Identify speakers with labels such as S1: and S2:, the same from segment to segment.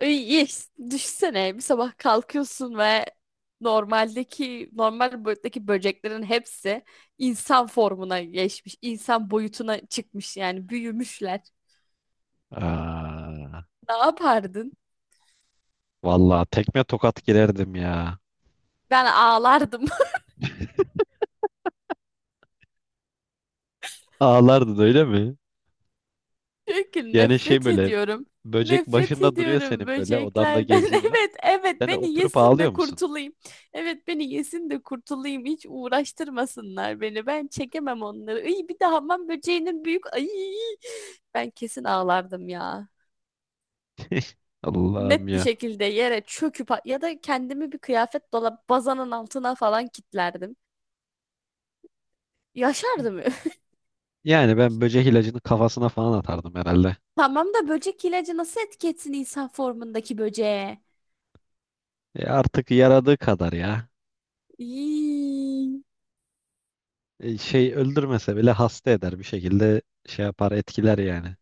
S1: İyi, düşünsene bir sabah kalkıyorsun ve normal boyuttaki böceklerin hepsi insan formuna geçmiş, insan boyutuna çıkmış yani büyümüşler.
S2: Aa,
S1: Ne yapardın?
S2: vallahi tekme tokat girerdim ya.
S1: Ben ağlardım.
S2: Ağlardın öyle mi?
S1: Diyor ki
S2: Yani şey
S1: nefret
S2: böyle
S1: ediyorum.
S2: böcek
S1: Nefret
S2: başında duruyor,
S1: ediyorum
S2: senin böyle odanda
S1: böceklerden.
S2: geziyor.
S1: Evet, evet
S2: Sen de
S1: beni
S2: oturup
S1: yesin de
S2: ağlıyor musun?
S1: kurtulayım. Evet beni yesin de kurtulayım. Hiç uğraştırmasınlar beni. Ben çekemem onları. Ay bir de hamam böceğinin büyük. Ay ben kesin ağlardım ya.
S2: Allah'ım
S1: Net bir
S2: ya.
S1: şekilde yere çöküp ya da kendimi bir kıyafet dolap bazanın altına falan kilitlerdim. Yaşardım.
S2: Yani ben böcek ilacını kafasına falan atardım herhalde.
S1: Tamam da böcek ilacı nasıl etki etsin insan formundaki böceğe?
S2: E artık yaradığı kadar ya.
S1: İy.
S2: E şey öldürmese bile hasta eder, bir şekilde şey yapar, etkiler yani.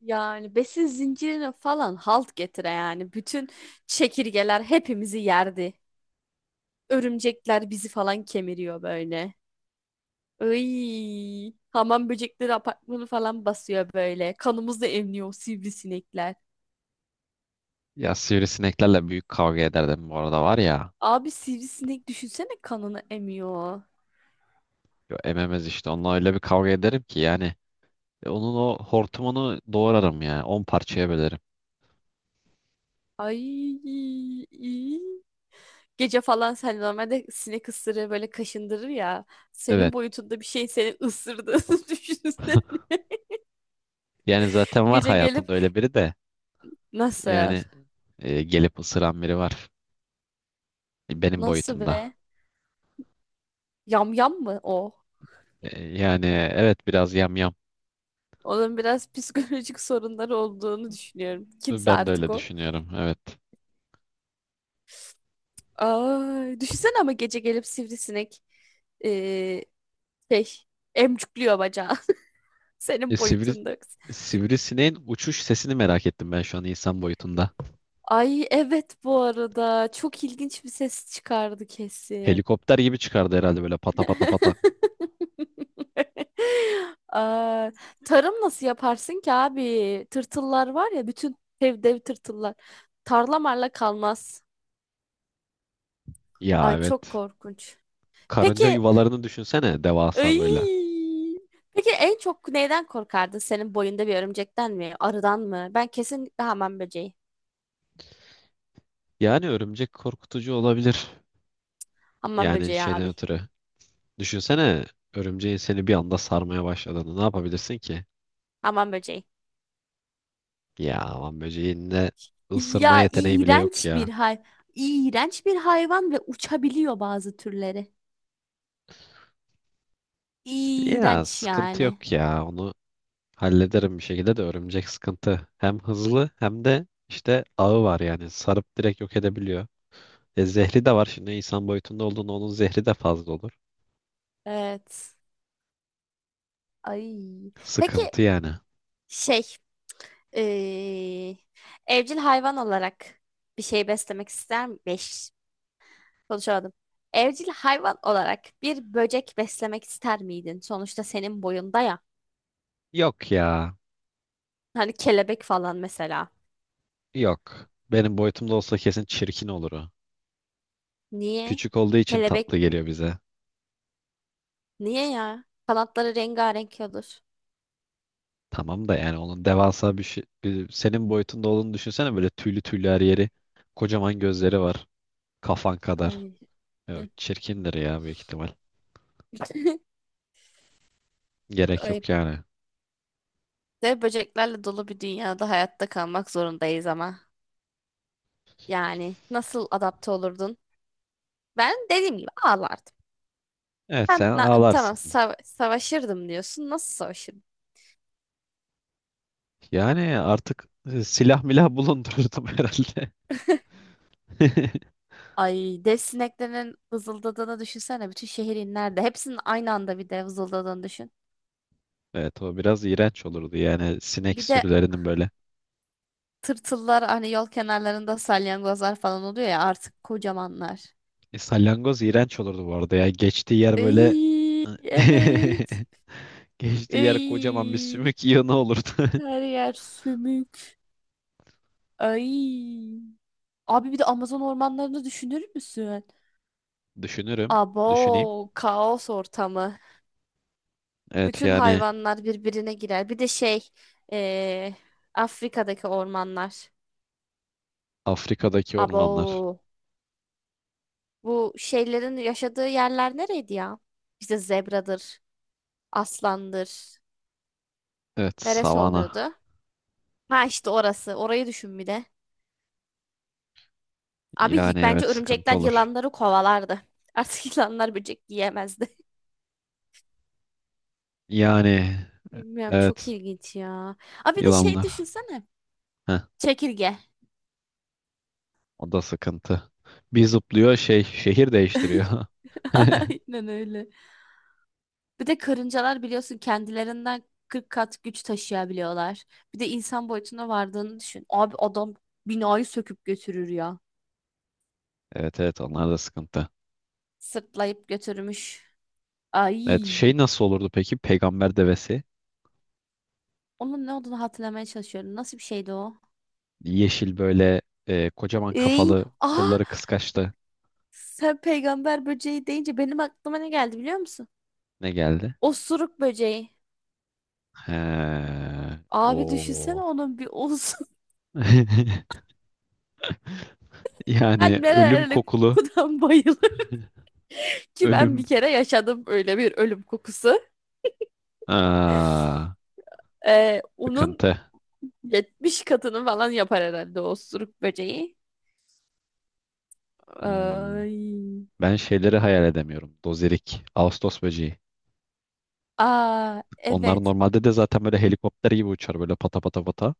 S1: Yani besin zincirine falan halt getire yani. Bütün çekirgeler hepimizi yerdi. Örümcekler bizi falan kemiriyor böyle. Iy, hamam böcekleri apartmanı falan basıyor böyle. Kanımızla emniyor o sivrisinekler.
S2: Ya sivrisineklerle büyük kavga ederdim bu arada var ya.
S1: Abi sivrisinek düşünsene kanını emiyor.
S2: Yo, ememez işte, onunla öyle bir kavga ederim ki yani. E, onun o hortumunu doğrarım ya. On parçaya bölerim.
S1: Ay. İy. Gece falan sen normalde sinek ısırığı böyle kaşındırır ya. Senin
S2: Evet.
S1: boyutunda bir şey seni ısırdı. Düşünsene.
S2: Yani zaten var
S1: Gece gelip
S2: hayatımda öyle biri de.
S1: nasıl?
S2: Yani gelip ısıran biri var. E, benim
S1: Nasıl
S2: boyutumda.
S1: be? Yam yam mı o?
S2: E, yani evet, biraz yamyam.
S1: Onun biraz psikolojik sorunları olduğunu düşünüyorum. Kimse
S2: Ben de
S1: artık
S2: öyle
S1: o.
S2: düşünüyorum. Evet.
S1: Ay, düşünsene ama gece gelip sivrisinek eee şey emcükliyor bacağı.
S2: E,
S1: Senin boyutunda.
S2: sivrisineğin uçuş sesini merak ettim ben şu an, insan boyutunda.
S1: Ay evet bu arada. Çok ilginç bir ses çıkardı kesin.
S2: Helikopter gibi çıkardı herhalde, böyle pata pata pata.
S1: Aa, tarım nasıl yaparsın ki abi? Tırtıllar var ya bütün dev dev tırtıllar. Tarlamarla kalmaz.
S2: Ya
S1: Ay çok
S2: evet.
S1: korkunç.
S2: Karınca
S1: Peki,
S2: yuvalarını düşünsene, devasa böyle.
S1: ay, peki en çok neyden korkardın? Senin boyunda bir örümcekten mi? Arıdan mı? Ben kesinlikle hamam böceği.
S2: Yani örümcek korkutucu olabilir.
S1: Hamam
S2: Yani
S1: böceği
S2: şeyden
S1: abi.
S2: ötürü. Düşünsene, örümceğin seni bir anda sarmaya başladığını, ne yapabilirsin ki?
S1: Hamam böceği.
S2: Ya aman böceğin de ısırma
S1: Ya
S2: yeteneği bile yok
S1: iğrenç bir
S2: ya.
S1: iğrenç bir hayvan ve uçabiliyor bazı türleri.
S2: Ya
S1: İğrenç
S2: sıkıntı
S1: yani.
S2: yok ya, onu hallederim bir şekilde de örümcek sıkıntı. Hem hızlı hem de işte ağı var, yani sarıp direkt yok edebiliyor. E zehri de var, şimdi insan boyutunda olduğunda onun zehri de fazla olur.
S1: Evet. Ay. Peki
S2: Sıkıntı yani.
S1: şey, eee, evcil hayvan olarak bir şey beslemek ister mi? Beş, konuşamadım. Evcil hayvan olarak bir böcek beslemek ister miydin? Sonuçta senin boyunda ya.
S2: Yok ya,
S1: Hani kelebek falan mesela.
S2: yok. Benim boyutumda olsa kesin çirkin olur o.
S1: Niye?
S2: Küçük olduğu için
S1: Kelebek
S2: tatlı geliyor bize.
S1: niye ya? Kanatları rengarenk olur.
S2: Tamam da yani onun devasa bir şey, senin boyutunda olduğunu düşünsene, böyle tüylü tüylü her yeri. Kocaman gözleri var. Kafan kadar.
S1: Ay. Hı.
S2: Evet, çirkindir ya büyük ihtimal. Gerek
S1: Ay.
S2: yok yani.
S1: De böceklerle dolu bir dünyada hayatta kalmak zorundayız ama. Yani nasıl adapte olurdun? Ben dediğim gibi ağlardım.
S2: Evet, sen ağlarsın.
S1: Savaşırdım diyorsun. Nasıl savaşırdın?
S2: Yani artık silah milah bulundururdum herhalde.
S1: Ay dev sineklerin vızıldadığını düşünsene. Bütün şehir inlerdi. Hepsinin aynı anda bir de vızıldadığını düşün.
S2: Evet, o biraz iğrenç olurdu yani, sinek
S1: Bir de
S2: sürülerinin böyle.
S1: tırtıllar hani yol kenarlarında salyangozlar falan oluyor ya artık kocamanlar.
S2: E, salyangoz iğrenç olurdu bu arada ya. Geçtiği yer böyle
S1: Ay evet.
S2: geçtiği yer kocaman bir
S1: Ay
S2: sümük yığını olurdu.
S1: her yer sümük. Ay. Abi bir de Amazon ormanlarını düşünür müsün?
S2: Düşünürüm. Düşüneyim.
S1: Abo kaos ortamı.
S2: Evet
S1: Bütün
S2: yani,
S1: hayvanlar birbirine girer. Bir de eee, Afrika'daki ormanlar.
S2: Afrika'daki ormanlar.
S1: Abo. Bu şeylerin yaşadığı yerler nereydi ya? İşte zebradır, aslandır.
S2: Evet,
S1: Neresi
S2: savana.
S1: oluyordu? Ha işte orası. Orayı düşün bir de.
S2: Yani
S1: Bence
S2: evet, sıkıntı
S1: örümcekler
S2: olur.
S1: yılanları kovalardı. Artık yılanlar böcek yiyemezdi.
S2: Yani
S1: Bilmiyorum çok
S2: evet,
S1: ilginç ya. Abi bir de şey
S2: yılanlar.
S1: düşünsene.
S2: Heh,
S1: Çekirge.
S2: o da sıkıntı. Bir zıplıyor, şey, şehir değiştiriyor.
S1: Aynen öyle. Bir de karıncalar biliyorsun kendilerinden 40 kat güç taşıyabiliyorlar. Bir de insan boyutuna vardığını düşün. Abi adam binayı söküp götürür ya.
S2: Evet, evet, onlar da sıkıntı.
S1: Sırtlayıp götürmüş.
S2: Evet
S1: Ay.
S2: şey, nasıl olurdu peki peygamber devesi?
S1: Onun ne olduğunu hatırlamaya çalışıyorum. Nasıl bir şeydi o?
S2: Yeşil böyle, kocaman
S1: Ey,
S2: kafalı,
S1: aa,
S2: kolları kıskaçlı.
S1: sen peygamber böceği deyince benim aklıma ne geldi biliyor musun?
S2: Ne geldi?
S1: Osuruk böceği.
S2: He,
S1: Abi düşünsene
S2: o.
S1: onun bir olsun.
S2: Yani
S1: Ben
S2: ölüm
S1: nerelere
S2: kokulu.
S1: kokudan bayılırım ki ben
S2: Ölüm.
S1: bir kere yaşadım öyle bir ölüm kokusu.
S2: Aa.
S1: Onun
S2: Sıkıntı.
S1: 70 katını falan yapar herhalde o osuruk böceği.
S2: Hmm,
S1: Ay.
S2: ben şeyleri hayal edemiyorum. Dozerik, Ağustos böceği.
S1: Aa,
S2: Onlar
S1: evet.
S2: normalde de zaten böyle helikopter gibi uçar, böyle pata pata pata.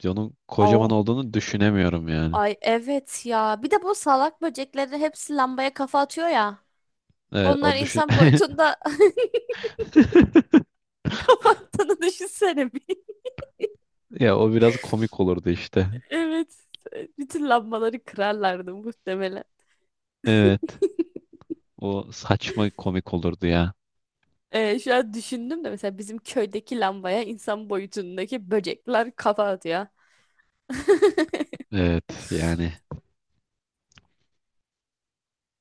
S2: Biz onun kocaman olduğunu düşünemiyorum yani.
S1: Ay evet ya. Bir de bu salak böceklerin hepsi lambaya kafa atıyor ya.
S2: Evet
S1: Bunlar
S2: o, düşün...
S1: insan boyutunda kafa attığını düşünsene bir.
S2: Ya o biraz komik olurdu işte.
S1: Evet. Bütün lambaları kırarlardı muhtemelen.
S2: Evet. O saçma komik olurdu ya.
S1: Şu an düşündüm de mesela bizim köydeki lambaya insan boyutundaki böcekler kafa atıyor.
S2: Evet yani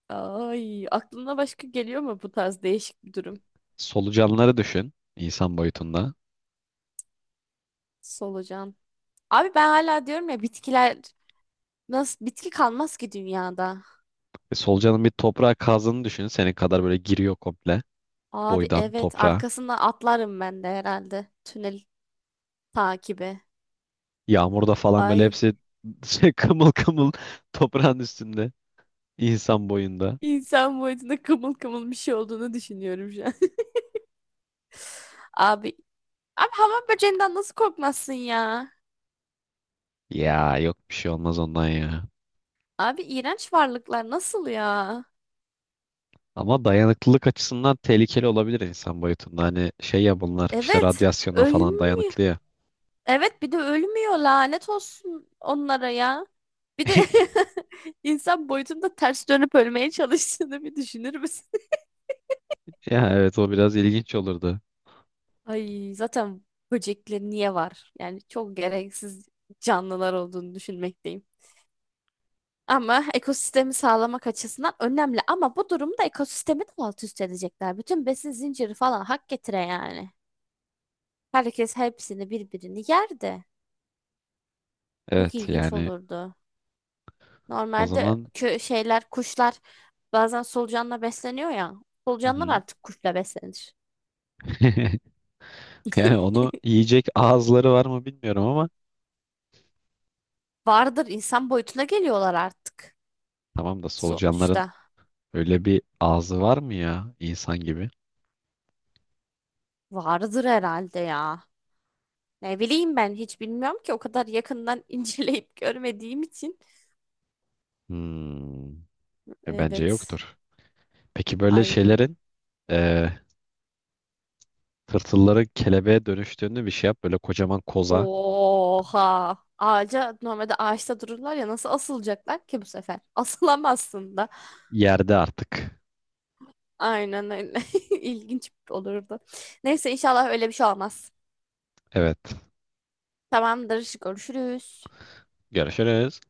S1: Ay, aklına başka geliyor mu bu tarz değişik bir durum?
S2: solucanları düşün, insan boyutunda.
S1: Solucan. Abi ben hala diyorum ya bitkiler nasıl bitki kalmaz ki dünyada.
S2: E, solucanın bir toprağa kazdığını düşün. Senin kadar böyle giriyor komple,
S1: Abi
S2: boydan
S1: evet
S2: toprağa.
S1: arkasından atlarım ben de herhalde. Tünel takibi.
S2: Yağmurda falan böyle
S1: Ay
S2: hepsi şey, kımıl kımıl toprağın üstünde. İnsan boyunda.
S1: insan boyutunda kımıl kımıl bir şey olduğunu düşünüyorum şu an. Abi, abi hamam böceğinden nasıl korkmazsın ya?
S2: Ya yok, bir şey olmaz ondan ya.
S1: Abi iğrenç varlıklar nasıl ya?
S2: Ama dayanıklılık açısından tehlikeli olabilir insan boyutunda. Hani şey ya, bunlar işte
S1: Evet
S2: radyasyona falan
S1: ölmüyor.
S2: dayanıklı ya.
S1: Evet bir de ölmüyor lanet olsun onlara ya. Bir de insan boyutunda ters dönüp ölmeye çalıştığını bir düşünür müsün?
S2: Ya evet, o biraz ilginç olurdu.
S1: Ay zaten böcekler niye var? Yani çok gereksiz canlılar olduğunu düşünmekteyim. Ama ekosistemi sağlamak açısından önemli. Ama bu durumda ekosistemi de alt üst edecekler. Bütün besin zinciri falan hak getire yani. Herkes hepsini birbirini yer de. Çok
S2: Evet
S1: ilginç
S2: yani
S1: olurdu.
S2: o
S1: Normalde
S2: zaman.
S1: kö şeyler, kuşlar bazen solucanla besleniyor ya.
S2: Hı
S1: Solucanlar
S2: hı.
S1: artık kuşla beslenir.
S2: Yani onu yiyecek ağızları var mı bilmiyorum ama,
S1: Vardır insan boyutuna geliyorlar artık
S2: tamam da solucanların
S1: sonuçta.
S2: öyle bir ağzı var mı ya, insan gibi?
S1: Vardır herhalde ya. Ne bileyim ben hiç bilmiyorum ki o kadar yakından inceleyip görmediğim için.
S2: Hmm, bence
S1: Evet.
S2: yoktur. Peki böyle
S1: Ay.
S2: şeylerin eee tırtılların kelebeğe dönüştüğünü bir şey yap. Böyle kocaman koza,
S1: Oha. Ağaca normalde ağaçta dururlar ya nasıl asılacaklar ki bu sefer? Asılamazsın da.
S2: yerde artık.
S1: Aynen öyle. İlginç olurdu. Neyse inşallah öyle bir şey olmaz.
S2: Evet.
S1: Tamamdır. Görüşürüz.
S2: Görüşürüz.